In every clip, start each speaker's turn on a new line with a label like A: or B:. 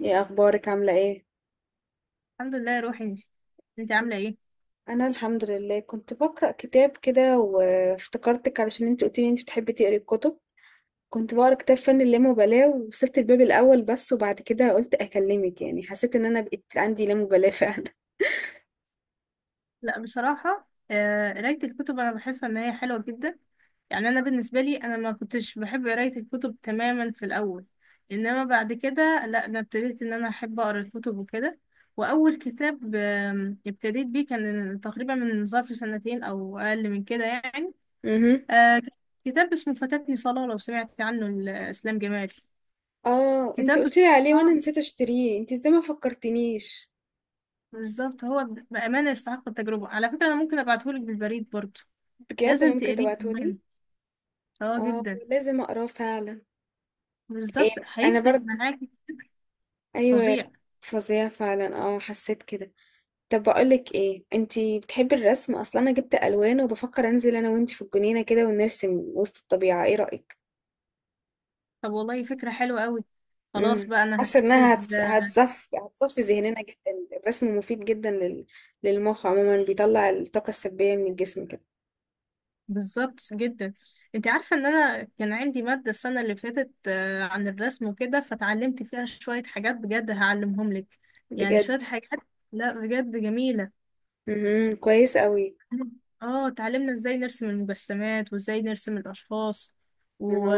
A: ايه اخبارك، عامله ايه؟
B: الحمد لله يا روحي. انت عامله ايه؟
A: انا الحمد لله، كنت بقرا كتاب كده وافتكرتك علشان انت قلتي لي انت بتحبي تقري الكتب. كنت بقرا كتاب فن اللامبالاه ووصلت الباب الاول بس، وبعد كده قلت اكلمك، يعني حسيت ان انا بقيت عندي لامبالاه فعلا.
B: لا بصراحه، قرايه الكتب انا بحس ان هي حلوه جدا. يعني انا بالنسبه لي، انا ما كنتش بحب قرايه الكتب تماما في الاول. انما بعد كده لا، انا ابتديت ان انا احب اقرا الكتب وكده. واول كتاب ابتديت بيه كان تقريبا من ظرف سنتين او اقل من كده يعني.
A: امم.
B: آه، كتاب اسمه فاتتني صلاه، لو سمعت عنه، لاسلام جمال.
A: اه، انت
B: كتاب،
A: قلت لي عليه وانا نسيت اشتريه، انت ازاي ما فكرتنيش؟
B: بالظبط هو. بأمانة يستحق التجربة. على فكرة أنا ممكن أبعتهولك بالبريد برضه.
A: بجد؟
B: لازم
A: ممكن
B: تقريه كمان.
A: تبعتهولي؟
B: اه
A: اه،
B: جدا.
A: لازم اقراه فعلا.
B: بالظبط
A: ايه، انا
B: هيفرق
A: برضو.
B: معاكي.
A: ايوه.
B: فظيع.
A: فظيع فعلا، اه حسيت كده. طب بقولك ايه، انتي بتحبي الرسم اصلا؟ انا جبت الوان وبفكر انزل انا وانتي في الجنينه كده ونرسم وسط الطبيعه، ايه رايك؟
B: طب والله فكرة حلوة قوي. خلاص بقى أنا
A: حاسه انها
B: هجهز.
A: هتصفي ذهننا جدا، الرسم مفيد جدا للمخ عموما، بيطلع الطاقه السلبيه من الجسم كده.
B: بالظبط جدا. انت عارفة ان انا كان عندي مادة السنة اللي فاتت عن الرسم وكده، فتعلمت فيها شوية حاجات بجد هعلمهم لك. يعني شوية
A: بجد.
B: حاجات. لا بجد جميلة.
A: كويس قوي.
B: اه اتعلمنا ازاي نرسم المجسمات وازاي نرسم الاشخاص و...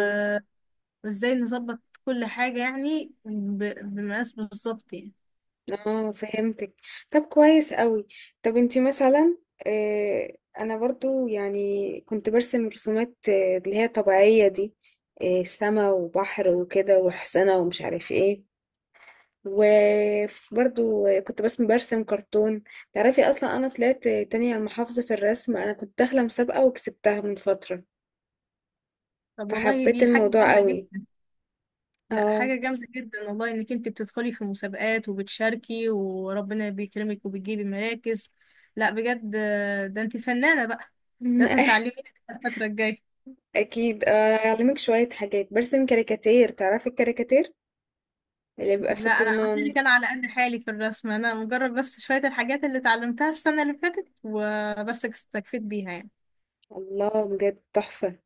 B: وازاي نظبط كل حاجة، يعني بمقاس بالظبط يعني.
A: اه، فهمتك. طب كويس قوي. طب انتي مثلا. انا برضو، يعني كنت برسم رسومات، اللي هي طبيعية دي. سما وبحر وكده وحسنة، ومش عارف ايه. وبرضو كنت بس برسم كرتون. تعرفي اصلا، انا طلعت تانية على المحافظة في الرسم، انا كنت داخلة مسابقة وكسبتها من فترة.
B: طب والله
A: فحبيت
B: دي حاجة
A: الموضوع
B: جامدة
A: قوي.
B: جدا. لا،
A: اه.
B: حاجة جامدة جدا والله، انك انت بتدخلي في مسابقات وبتشاركي وربنا بيكرمك وبتجيبي مراكز. لا بجد، ده انت فنانة بقى. لازم تعلميني الفترة الجاية.
A: اكيد. اعلمك شوية حاجات، برسم كاريكاتير، تعرفي الكاريكاتير اللي بيبقى في
B: لا انا قلت
A: الجرنان؟
B: لك انا على قد حالي في الرسم. انا مجرد بس شوية الحاجات اللي اتعلمتها السنة اللي فاتت وبس استكفيت بيها يعني.
A: الله، بجد تحفة.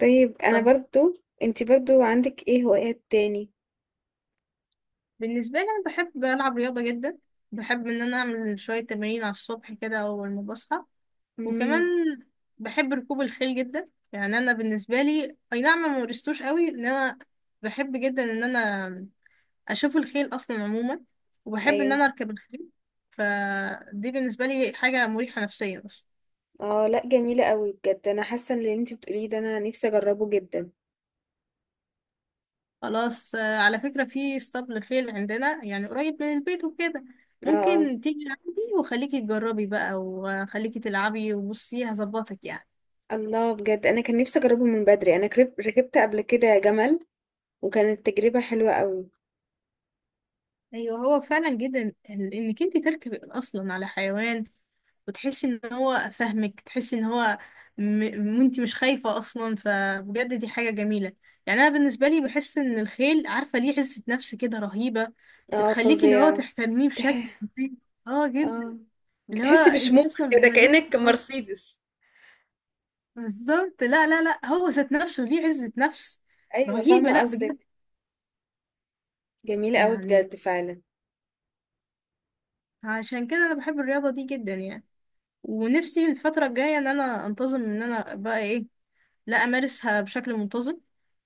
A: طيب انا
B: طب
A: برضو. انتي برضو عندك ايه هوايات تاني؟
B: بالنسبة لي أنا بحب ألعب رياضة جدا. بحب إن أنا أعمل شوية تمارين على الصبح كده أول ما بصحى. وكمان
A: امم.
B: بحب ركوب الخيل جدا. يعني أنا بالنسبة لي، أي نعم، ما مارستوش قوي. إن أنا بحب جدا إن أنا أشوف الخيل أصلا عموما، وبحب إن
A: ايوه.
B: أنا أركب الخيل. فدي بالنسبة لي حاجة مريحة نفسيا أصلا.
A: اه لا، جميلة قوي بجد، انا حاسة ان اللي انتي بتقوليه ده انا نفسي اجربه جدا.
B: خلاص، على فكرة في اسطبل خيل عندنا، يعني قريب من البيت وكده.
A: اه آه.
B: ممكن تيجي عندي وخليكي تجربي بقى وخليكي تلعبي وبصي هظبطك يعني.
A: الله، بجد انا كان نفسي اجربه من بدري، انا ركبت قبل كده جمل. وكانت تجربة حلوة قوي.
B: ايوه هو فعلا جدا، انك انت تركبي اصلا على حيوان وتحسي ان هو فاهمك، تحسي ان هو م... وانت مش خايفة اصلا. فبجد دي حاجة جميلة. يعني انا بالنسبة لي بحس ان الخيل عارفة ليه عزة نفس كده رهيبة.
A: اه،
B: بتخليكي اللي هو
A: فظيعة.
B: تحترميه بشكل،
A: تح...
B: اه جدا.
A: اه.
B: اللي هو
A: بتحسي
B: انت
A: بشموخ
B: اصلا
A: كده،
B: بتملكي.
A: كأنك مرسيدس.
B: بالظبط. لا لا لا، هو ذات نفسه ليه عزة نفس
A: ايوه،
B: رهيبة.
A: فاهمة
B: لا بجد،
A: قصدك. جميلة قوي
B: يعني
A: بجد فعلا.
B: عشان كده انا بحب الرياضة دي جدا يعني. ونفسي الفترة الجاية ان انا انتظم، ان انا بقى ايه، لا امارسها بشكل منتظم.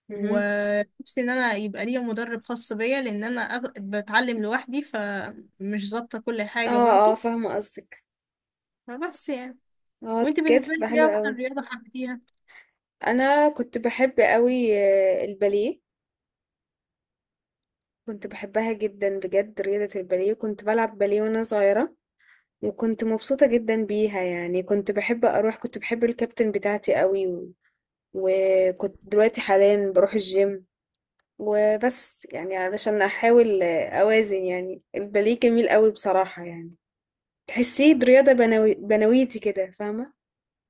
A: مهم.
B: ونفسي ان انا يبقى ليا مدرب خاص بيا، لان انا بتعلم لوحدي فمش ظابطة كل حاجة
A: اه اه،
B: برضو.
A: فاهمة قصدك.
B: فبس يعني.
A: اه
B: وانت
A: بجد،
B: بالنسبة
A: تبقى
B: لك ايه
A: حلوة
B: اكتر
A: قوي.
B: رياضة حبيتيها؟
A: انا كنت بحب قوي الباليه. كنت بحبها جدا بجد، رياضة الباليه، كنت بلعب باليه وانا صغيرة. وكنت مبسوطة جدا بيها، يعني كنت بحب اروح، كنت بحب الكابتن بتاعتي قوي. وكنت دلوقتي حاليا بروح الجيم. وبس يعني علشان احاول اوازن، يعني الباليه جميل قوي بصراحة يعني. تحسيه رياضة بنويتي كده، فاهمة؟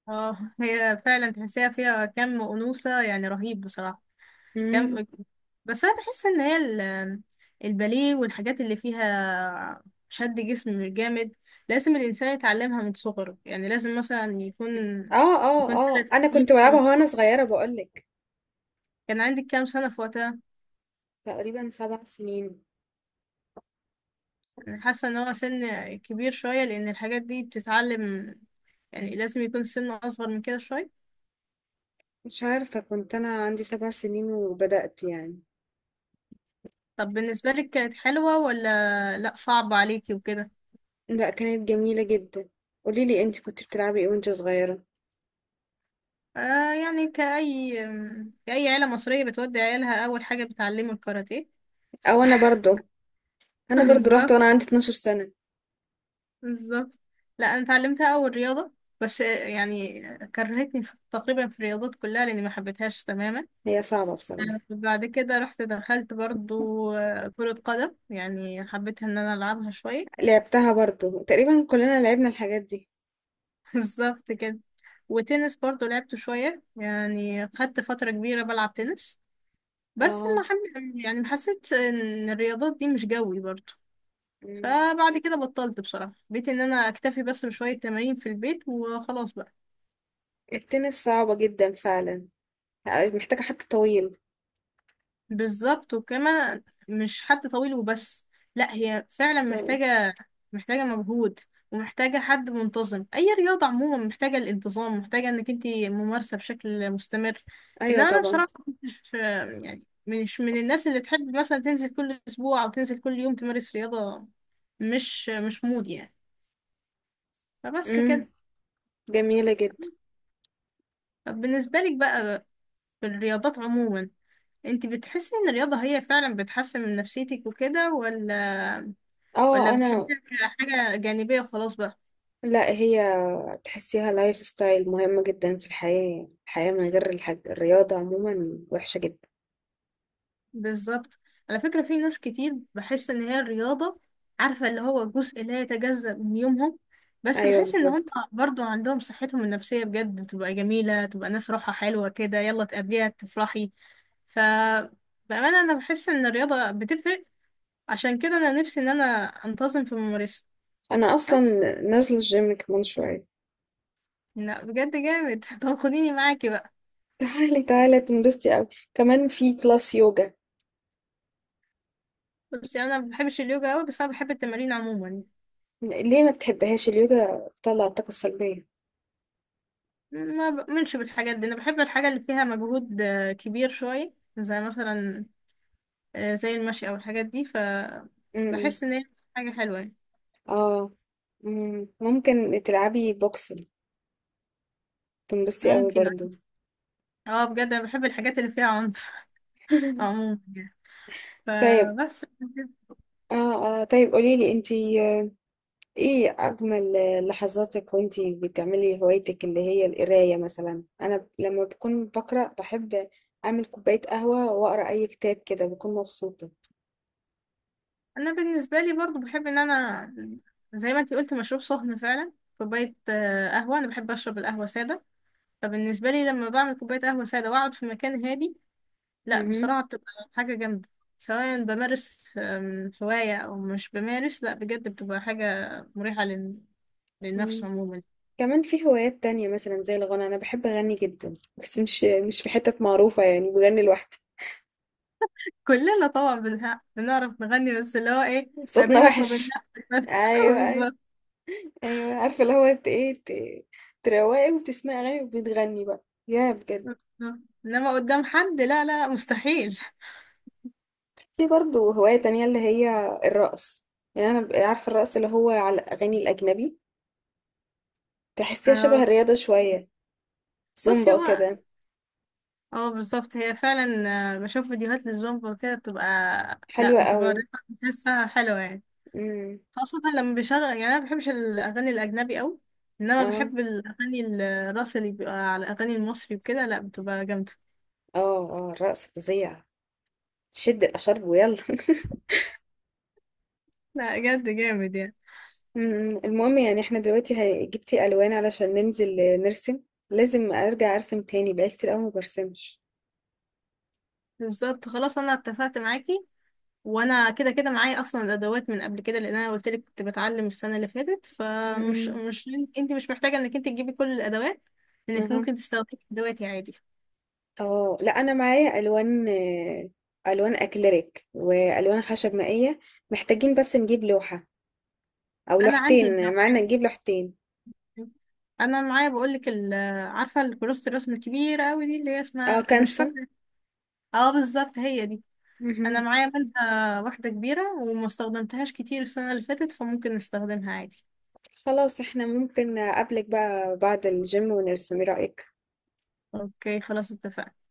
B: اه هي فعلا تحسيها فيها كم أنوثة، يعني رهيب بصراحة.
A: مم.
B: كم، بس انا بحس ان هي الباليه والحاجات اللي فيها شد جسم جامد لازم الانسان يتعلمها من صغره. يعني لازم مثلا يكون،
A: اه اه اه،
B: ثلاث
A: انا
B: سنين
A: كنت بلعبها وانا صغيرة بقولك.
B: كان عندك كام سنة في وقتها؟
A: تقريبا 7 سنين.
B: انا حاسة ان هو سن كبير شوية، لان الحاجات دي بتتعلم يعني لازم يكون السن اصغر من كده شوية.
A: مش عارفة، كنت أنا عندي 7 سنين وبدأت يعني.
B: طب بالنسبة لك كانت حلوة ولا لا، صعب عليكي وكده؟
A: لا، كانت جميلة جدا. قوليلي انت كنت بتلعبي ايه وانت صغيرة؟
B: آه يعني كأي عيلة مصرية بتودي عيالها، أول حاجة بتعلمه الكاراتيه.
A: او انا برضو انا برضو رحت
B: بالظبط،
A: وانا عندي 12 سنة.
B: بالظبط. لا انا اتعلمتها اول رياضه، بس يعني كرهتني في تقريبا في الرياضات كلها لاني ما حبيتهاش تماما.
A: هي صعبة بصراحة.
B: بعد كده رحت دخلت برضو كرة قدم، يعني حبيت ان انا العبها شوية.
A: لعبتها برضو، تقريبا كلنا لعبنا الحاجات دي.
B: بالظبط كده. وتنس برضو لعبته شوية، يعني خدت فترة كبيرة بلعب تنس. بس
A: اه.
B: ما حب يعني ما حسيتش ان الرياضات دي مش جوي برضو.
A: مم.
B: فبعد كده بطلت بصراحة. بقيت ان انا اكتفي بس بشوية تمارين في البيت وخلاص بقى.
A: التنس صعبة جدا فعلا. محتاجة حد طويل.
B: بالظبط. وكمان مش حد طويل وبس، لا هي فعلا
A: ط-
B: محتاجة، محتاجة مجهود ومحتاجة حد منتظم. أي رياضة عموما محتاجة الانتظام، محتاجة إنك انتي ممارسة بشكل مستمر.
A: ايوه
B: إنما أنا
A: طبعا.
B: بصراحة، مش يعني مش من الناس اللي تحب مثلا تنزل كل أسبوع أو تنزل كل يوم تمارس رياضة. مش مود يعني. فبس
A: امم
B: كده.
A: جميلة جدا.
B: طب بالنسبة لك بقى، في الرياضات عموما، انتي بتحسي إن الرياضة هي فعلا بتحسن من نفسيتك وكده، ولا
A: اه انا.
B: بتحبيها كحاجة جانبية وخلاص بقى؟
A: لا هي. تحسيها لايف ستايل، مهمة جدا في الحياة، يعني الحياة من غير الرياضة عموما وحشة جدا.
B: بالظبط. على فكرة في ناس كتير بحس إن هي الرياضة، عارفة، اللي هو جزء لا يتجزأ من يومهم. بس
A: أيوة،
B: بحس إن هم
A: بالظبط.
B: برضو عندهم صحتهم النفسية بجد بتبقى جميلة، تبقى ناس روحها حلوة كده، يلا تقابليها تفرحي. ف بأمانة أنا بحس إن الرياضة بتفرق. عشان كده أنا نفسي إن أنا أنتظم في ممارسة.
A: أنا أصلا.
B: بس
A: نازلة الجيم كمان شوية.
B: لا بجد جامد. طب خديني معاكي بقى.
A: تعالي تعالي، تنبسطي أوي. كمان في كلاس يوجا.
B: بس أنا ما بحبش اليوجا أوي، بس أنا بحب التمارين عموما.
A: ليه ما بتحبهاش اليوجا؟ بتطلع الطاقة السلبية.
B: ما بؤمنش بالحاجات دي. انا بحب الحاجة اللي فيها مجهود كبير شوية، زي مثلا زي المشي او الحاجات دي. ف
A: امم.
B: بحس ان هي حاجة حلوة يعني.
A: اه. مم. ممكن تلعبي بوكسنج. تنبسطي أوي
B: ممكن،
A: برضو.
B: اه بجد انا بحب الحاجات اللي فيها عنف عموما يعني.
A: طيب.
B: فبس.
A: اه اه، طيب قوليلي انتي، ايه اجمل لحظاتك وانتي بتعملي هوايتك اللي هي القرايه؟ مثلا انا لما بكون بقرا، بحب اعمل كوبايه قهوه واقرا اي كتاب كده، بكون مبسوطه.
B: انا بالنسبة لي برضو بحب ان انا، زي ما انتي قلت، مشروب سخن فعلا، كوباية قهوة. انا بحب اشرب القهوة سادة. فبالنسبة لي لما بعمل كوباية قهوة سادة واقعد في مكان هادي، لا
A: امم.
B: بصراحة بتبقى حاجة جامدة. سواء بمارس هواية أو مش بمارس، لا بجد بتبقى حاجة مريحة للنفس
A: أمم.
B: عموما.
A: كمان في هوايات تانية مثلا زي الغنى، انا بحب اغني جدا، بس مش في حتت معروفه، يعني بغني لوحدي.
B: كلنا طبعا بنعرف نغني، بس اللي هو ايه، ما
A: صوتنا
B: بينك وبين
A: وحش.
B: نفسك بس.
A: ايوه ايوه.
B: بالظبط.
A: ايوه عارفه اللي هو ايه تروقي وبتسمعي اغاني، وبتغني بقى يا بجد.
B: انما قدام حد، لا لا، مستحيل.
A: في برضه هواية تانية اللي هي الرقص. يعني أنا ببقى عارفة الرقص اللي هو على الأغاني الأجنبي. تحسيها شبه
B: آه،
A: الرياضة شوية.
B: بصي
A: زومبا
B: هو،
A: وكده.
B: اه بالظبط هي فعلا. بشوف فيديوهات للزومبا وكده بتبقى، لا
A: حلوة
B: بتبقى
A: قوي.
B: بحسها حلوة يعني.
A: امم.
B: خاصة لما بيشغل، يعني أنا مبحبش الأغاني الأجنبي أوي، إنما
A: اه
B: بحب الأغاني الراس اللي بيبقى على الأغاني المصري وكده. لأ بتبقى جامدة.
A: اه اه، الرقص فظيع. شد الأشارب ويلا
B: لأ جد جامد يعني.
A: أمم. المهم، يعني احنا دلوقتي جبتي ألوان علشان ننزل نرسم. لازم أرجع أرسم تاني، بقالي كتير قوي ما برسمش.
B: بالظبط خلاص أنا اتفقت معاكي. وأنا كده كده معايا أصلا الأدوات من قبل كده، لأن أنا قلت لك كنت بتعلم السنة اللي فاتت. فمش
A: امم.
B: مش أنت مش محتاجة إنك أنت تجيبي كل الأدوات، إنك
A: اها.
B: ممكن تستخدمي أدواتي عادي.
A: اه لا، أنا معايا ألوان، ألوان أكليريك وألوان خشب مائية. محتاجين بس نجيب لوحة او
B: أنا عندي
A: لوحتين، معانا
B: الأدوات.
A: نجيب لوحتين.
B: انا معايا بقول لك. عارفه الكراسه الرسم الكبيره قوي دي، اللي هي
A: اه
B: اسمها مش
A: كانسون.
B: فاكره. اه بالظبط هي دي. انا
A: مهم.
B: معايا منها واحدة كبيرة وما استخدمتهاش كتير السنة اللي فاتت، فممكن نستخدمها عادي.
A: خلاص، احنا ممكن اقابلك بقى بعد الجيم ونرسم، ايه رأيك؟
B: اوكي خلاص اتفقنا.